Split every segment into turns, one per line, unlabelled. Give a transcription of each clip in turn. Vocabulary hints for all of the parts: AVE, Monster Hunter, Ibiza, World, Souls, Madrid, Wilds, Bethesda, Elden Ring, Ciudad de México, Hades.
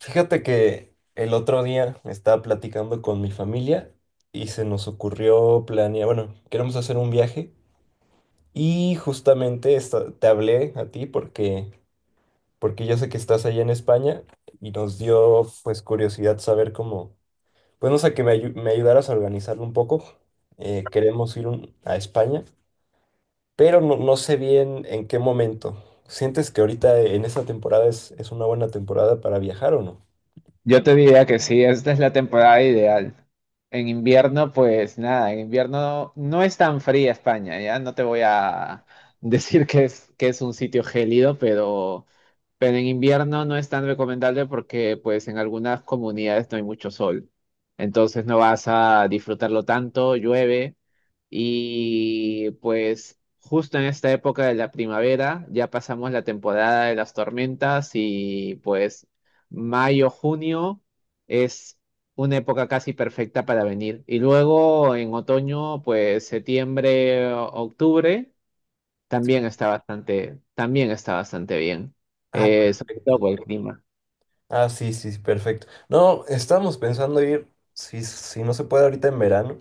Fíjate que el otro día estaba platicando con mi familia y se nos ocurrió planear, bueno, queremos hacer un viaje y justamente te hablé a ti porque yo sé que estás allá en España y nos dio pues curiosidad saber cómo, pues no sé, que me ayudaras a organizarlo un poco. Queremos ir a España, pero no, no sé bien en qué momento. ¿Sientes que ahorita en esta temporada es una buena temporada para viajar o no?
Yo te diría que sí, esta es la temporada ideal. En invierno, pues nada, en invierno no es tan fría España, ya no te voy a decir que es un sitio gélido, pero en invierno no es tan recomendable porque pues en algunas comunidades no hay mucho sol. Entonces no vas a disfrutarlo tanto, llueve. Y pues justo en esta época de la primavera ya pasamos la temporada de las tormentas y pues mayo, junio es una época casi perfecta para venir. Y luego en otoño, pues septiembre, octubre,
Sí.
también está bastante bien.
Ah,
Sobre todo
perfecto.
por el clima.
Ah, sí, sí, sí, perfecto. No, estamos pensando ir, si, si no se puede ahorita en verano,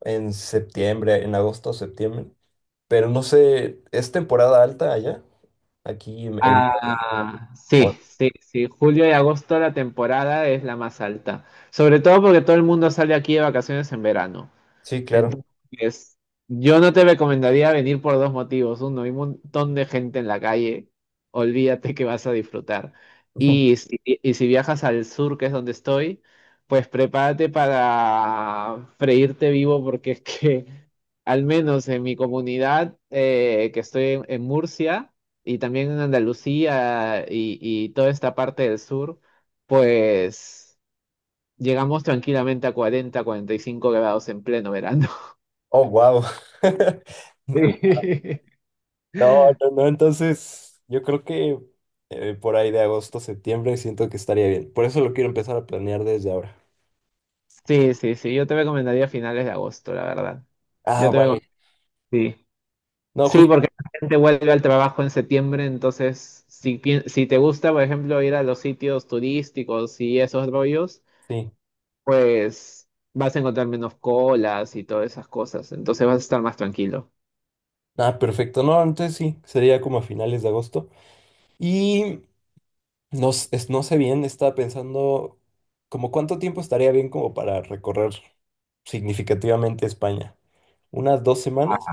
en septiembre, en agosto o septiembre, pero no sé, ¿es temporada alta allá? Aquí en-
Ah,
o-
sí, sí, sí. Julio y agosto la temporada es la más alta. Sobre todo porque todo el mundo sale aquí de vacaciones en verano.
Sí, claro.
Entonces, yo no te recomendaría venir por dos motivos. Uno, hay un montón de gente en la calle, olvídate que vas a disfrutar. Y si, y si viajas al sur, que es donde estoy, pues prepárate para freírte vivo porque es que, al menos en mi comunidad, que estoy en Murcia y también en Andalucía y toda esta parte del sur, pues llegamos tranquilamente a 40, 45 grados en pleno verano.
Oh, wow.
Sí,
No, no, no, entonces yo creo que por ahí de agosto, septiembre siento que estaría bien. Por eso lo quiero empezar a planear desde ahora.
sí, sí, sí, yo te recomendaría finales de agosto, la verdad.
Ah,
Yo te
vale.
recom- sí.
No,
Sí,
justo,
porque la gente vuelve al trabajo en septiembre, entonces si te gusta, por ejemplo, ir a los sitios turísticos y esos rollos,
sí.
pues vas a encontrar menos colas y todas esas cosas, entonces vas a estar más tranquilo.
Ah, perfecto. No, entonces sí, sería como a finales de agosto. Y no, no sé bien, estaba pensando como cuánto tiempo estaría bien como para recorrer significativamente España. ¿Unas dos semanas?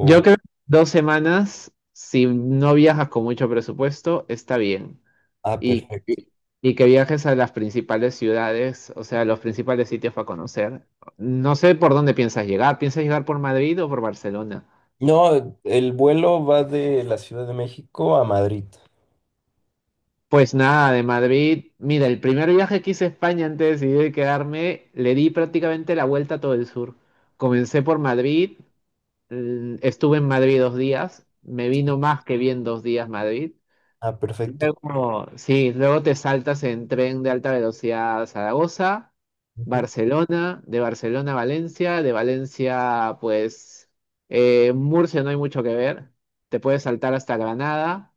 Yo creo que 2 semanas, si no viajas con mucho presupuesto, está bien.
Ah,
y,
perfecto.
y- y que viajes a las principales ciudades, o sea, los principales sitios para conocer. No sé por dónde piensas llegar. ¿Piensas llegar por Madrid o por Barcelona?
No, el vuelo va de la Ciudad de México a Madrid.
Pues nada, de Madrid. Mira, el primer viaje que hice a España antes de decidir quedarme, le di prácticamente la vuelta a todo el sur. Comencé por Madrid, estuve en Madrid 2 días, me vino más que bien 2 días Madrid.
Ah, perfecto.
Luego, sí, luego te saltas en tren de alta velocidad a Zaragoza,
Ujú.
Barcelona, de Barcelona a Valencia, de Valencia, pues, Murcia no hay mucho que ver, te puedes saltar hasta Granada.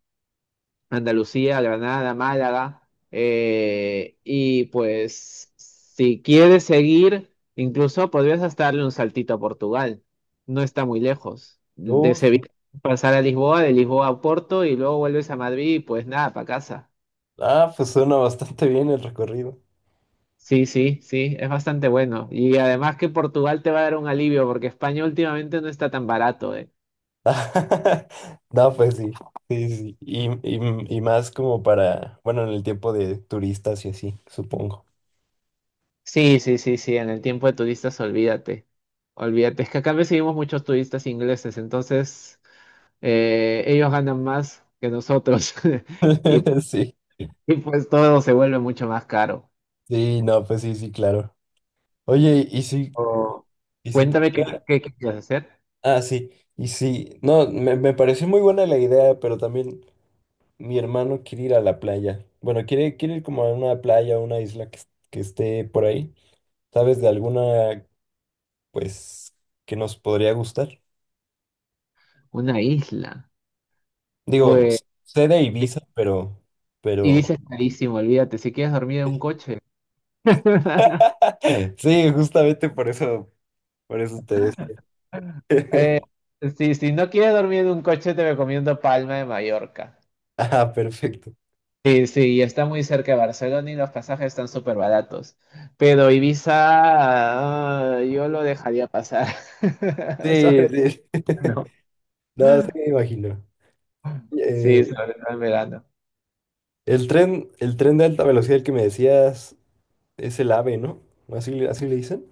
Andalucía, Granada, Málaga. Y pues si quieres seguir, incluso podrías hasta darle un saltito a Portugal. No está muy lejos. De
Oh, sí.
Sevilla pasar a Lisboa, de Lisboa a Porto y luego vuelves a Madrid y pues nada, para casa.
Ah, pues suena bastante bien el recorrido.
Sí, sí, sí, es bastante bueno. Y además que Portugal te va a dar un alivio porque España últimamente no está tan barato, eh.
No, pues sí, sí, sí. Y más como para, bueno, en el tiempo de turistas y así, supongo.
Sí, sí, sí, sí, en el tiempo de turistas, olvídate. Olvídate, es que acá recibimos muchos turistas ingleses, entonces ellos ganan más que nosotros y,
Sí,
y pues todo se vuelve mucho más caro.
sí, no, pues sí, sí, claro. Oye, y sí,
Oh,
y sí.
cuéntame qué quieres hacer.
Ah, sí, y sí. No, me pareció muy buena la idea, pero también mi hermano quiere ir a la playa. Bueno, quiere ir como a una playa, una isla que, que esté por ahí. ¿Sabes de alguna, pues, que nos podría gustar?
Una isla.
Digo,
Pues,
sé de Ibiza, pero,
y dices
pero.
carísimo, olvídate, si quieres dormir en un coche.
Sí, justamente por eso te decía.
Eh, si no quieres dormir en un coche, te recomiendo Palma de Mallorca.
Ah, perfecto.
Sí, sí, y está muy cerca de Barcelona y los pasajes están súper baratos. Pero Ibiza, ah, yo lo dejaría pasar.
Sí,
Sobre todo,
sí.
¿no?
No, sí me imagino.
Sí,
Eh,
sobre todo en verano.
el tren de alta velocidad el que me decías es el AVE, ¿no? ¿Así, así le dicen?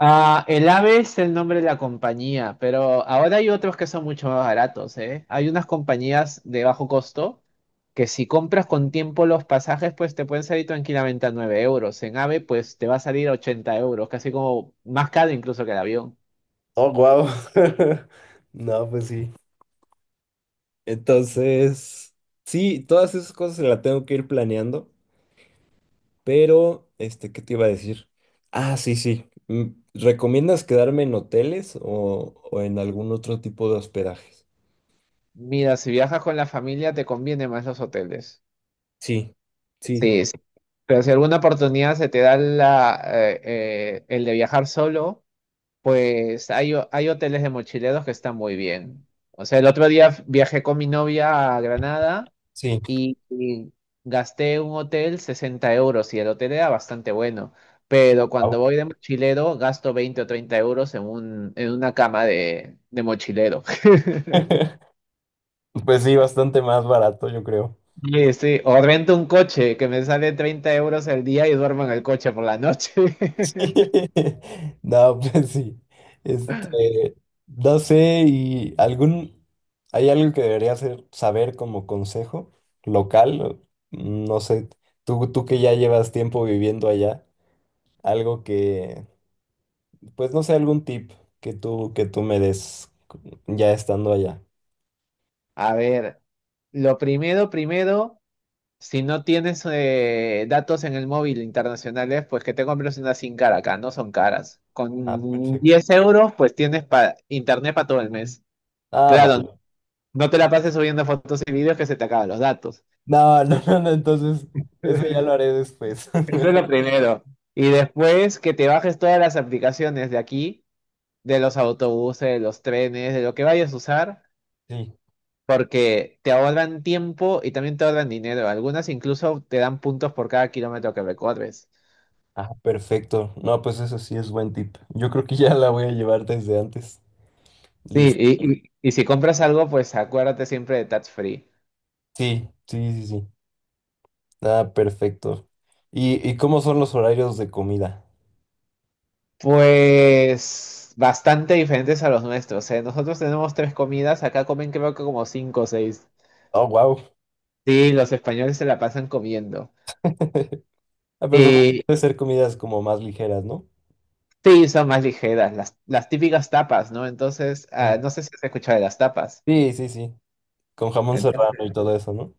Ah, el AVE es el nombre de la compañía, pero ahora hay otros que son mucho más baratos, ¿eh? Hay unas compañías de bajo costo que si compras con tiempo los pasajes, pues te pueden salir tranquilamente a 9 euros. En AVE, pues te va a salir a 80 euros, casi como más caro incluso que el avión.
Oh, wow. No, pues sí. Entonces, sí, todas esas cosas se las tengo que ir planeando, pero, este, ¿qué te iba a decir? Ah, sí, sí. ¿Recomiendas quedarme en hoteles o en algún otro tipo de hospedajes?
Mira, si viajas con la familia te conviene más los hoteles.
Sí, sí, sí.
Sí, sí. Pero si alguna oportunidad se te da la, el de viajar solo, pues hay hoteles de mochileros que están muy bien. O sea, el otro día viajé con mi novia a Granada
Sí.
y gasté un hotel 60 € y el hotel era bastante bueno. Pero cuando voy
Ah,
de mochilero gasto 20 o 30 € en una cama de mochilero.
pues sí, bastante más barato, yo creo.
Sí, sí, o rento un coche que me sale 30 € el día y duermo en el coche por la noche.
No, pues sí. Este, no sé, y algún, hay algo que debería hacer, saber como consejo local, no sé, tú que ya llevas tiempo viviendo allá, algo que, pues no sé, algún tip que tú me des ya estando allá.
A ver, lo primero, primero, si no tienes datos en el móvil internacionales, pues que te compres una SIM cara acá, no son caras.
Ah,
Con
perfecto.
10 euros, pues tienes internet para todo el mes.
Ah,
Claro,
vale.
no te la pases subiendo fotos y videos que se te acaban los datos.
No, no, no, no, entonces, eso ya lo haré después.
Eso es lo primero. Y después que te bajes todas las aplicaciones de aquí de los autobuses, de los trenes, de lo que vayas a usar,
Sí.
porque te ahorran tiempo y también te ahorran dinero. Algunas incluso te dan puntos por cada kilómetro que recorres.
Ah, perfecto. No, pues eso sí es buen tip. Yo creo que ya la voy a llevar desde antes.
Sí,
Listo.
y si compras algo, pues acuérdate siempre de Touch Free.
Sí, sí, sí, sí. Ah, perfecto. ¿Y cómo son los horarios de comida?
Pues bastante diferentes a los nuestros, ¿eh? Nosotros tenemos tres comidas, acá comen creo que como cinco o seis.
Oh, wow.
Sí, los españoles se la pasan comiendo.
Ah, pero supongo que
Y
debe ser comidas como más ligeras, ¿no?
sí, son más ligeras, las típicas tapas, ¿no? Entonces,
Sí.
ah, no sé si has escuchado de las tapas.
Sí, sí, sí. Con jamón serrano y todo eso, ¿no?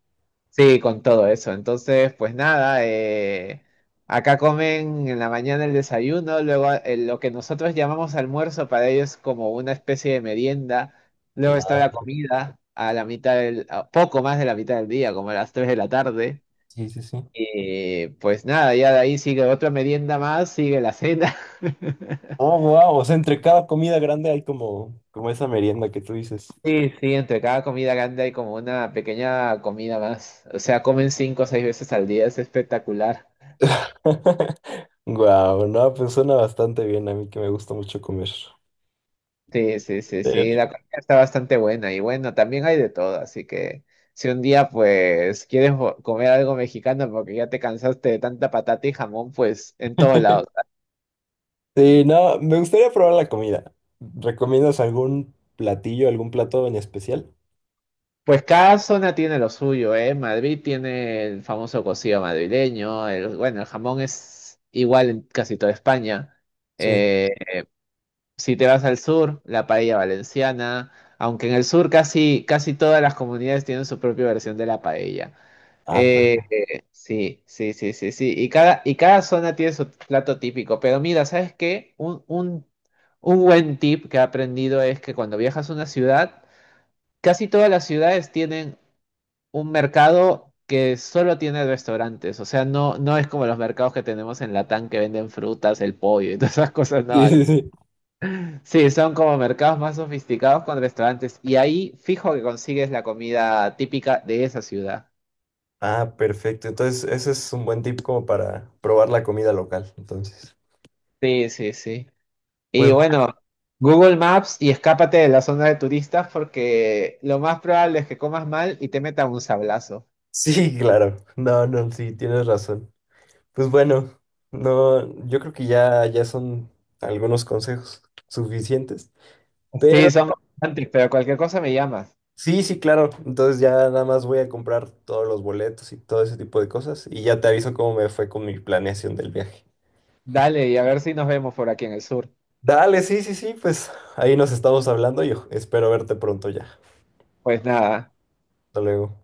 Sí, con todo eso. Entonces, pues nada, acá comen en la mañana el desayuno, luego lo que nosotros llamamos almuerzo para ellos es como una especie de merienda, luego está
Ah,
la comida a poco más de la mitad del día, como a las 3 de la tarde.
sí, sí, sí.
Y pues nada, ya de ahí sigue otra merienda más, sigue la cena.
Oh, wow. O sea, entre cada comida grande hay como esa merienda que tú dices.
Sí, sí, entre cada comida grande hay como una pequeña comida más. O sea, comen cinco o seis veces al día, es espectacular.
Wow, no, pues suena bastante bien a mí que me gusta mucho comer.
Sí, sí, sí, sí, la comida está bastante buena y bueno, también hay de todo, así que si un día pues quieres comer algo mexicano porque ya te cansaste de tanta patata y jamón, pues en todos lados.
Sí, no, me gustaría probar la comida. ¿Recomiendas algún platillo, algún plato en especial?
Pues cada zona tiene lo suyo, ¿eh? Madrid tiene el famoso cocido madrileño, el, bueno, el jamón es igual en casi toda España.
Sí.
Eh, si te vas al sur, la paella valenciana, aunque en el sur casi, casi todas las comunidades tienen su propia versión de la paella.
Ah,
Sí, sí, sí, sí, sí. Y cada zona tiene su plato típico. Pero mira, ¿sabes qué? Un buen tip que he aprendido es que cuando viajas a una ciudad, casi todas las ciudades tienen un mercado que solo tiene restaurantes. O sea, no, no es como los mercados que tenemos en Latam que venden frutas, el pollo y todas esas cosas. No,
sí, sí, sí.
sí, son como mercados más sofisticados con restaurantes. Y ahí fijo que consigues la comida típica de esa ciudad.
Ah, perfecto. Entonces, ese es un buen tip como para probar la comida local. Entonces,
Sí, sí, sí.
pues
Y
bueno,
bueno, Google Maps y escápate de la zona de turistas porque lo más probable es que comas mal y te metan un sablazo.
sí, claro. No, no, sí, tienes razón. Pues bueno, no, yo creo que ya, ya son algunos consejos suficientes. Pero
Sí, son antes, pero cualquier cosa me llamas.
sí, sí, claro. Entonces ya nada más voy a comprar todos los boletos y todo ese tipo de cosas. Y ya te aviso cómo me fue con mi planeación del viaje.
Dale, y a ver si nos vemos por aquí en el sur.
Dale, sí, sí, sí, pues ahí nos estamos hablando y espero verte pronto ya.
Pues nada,
Hasta luego.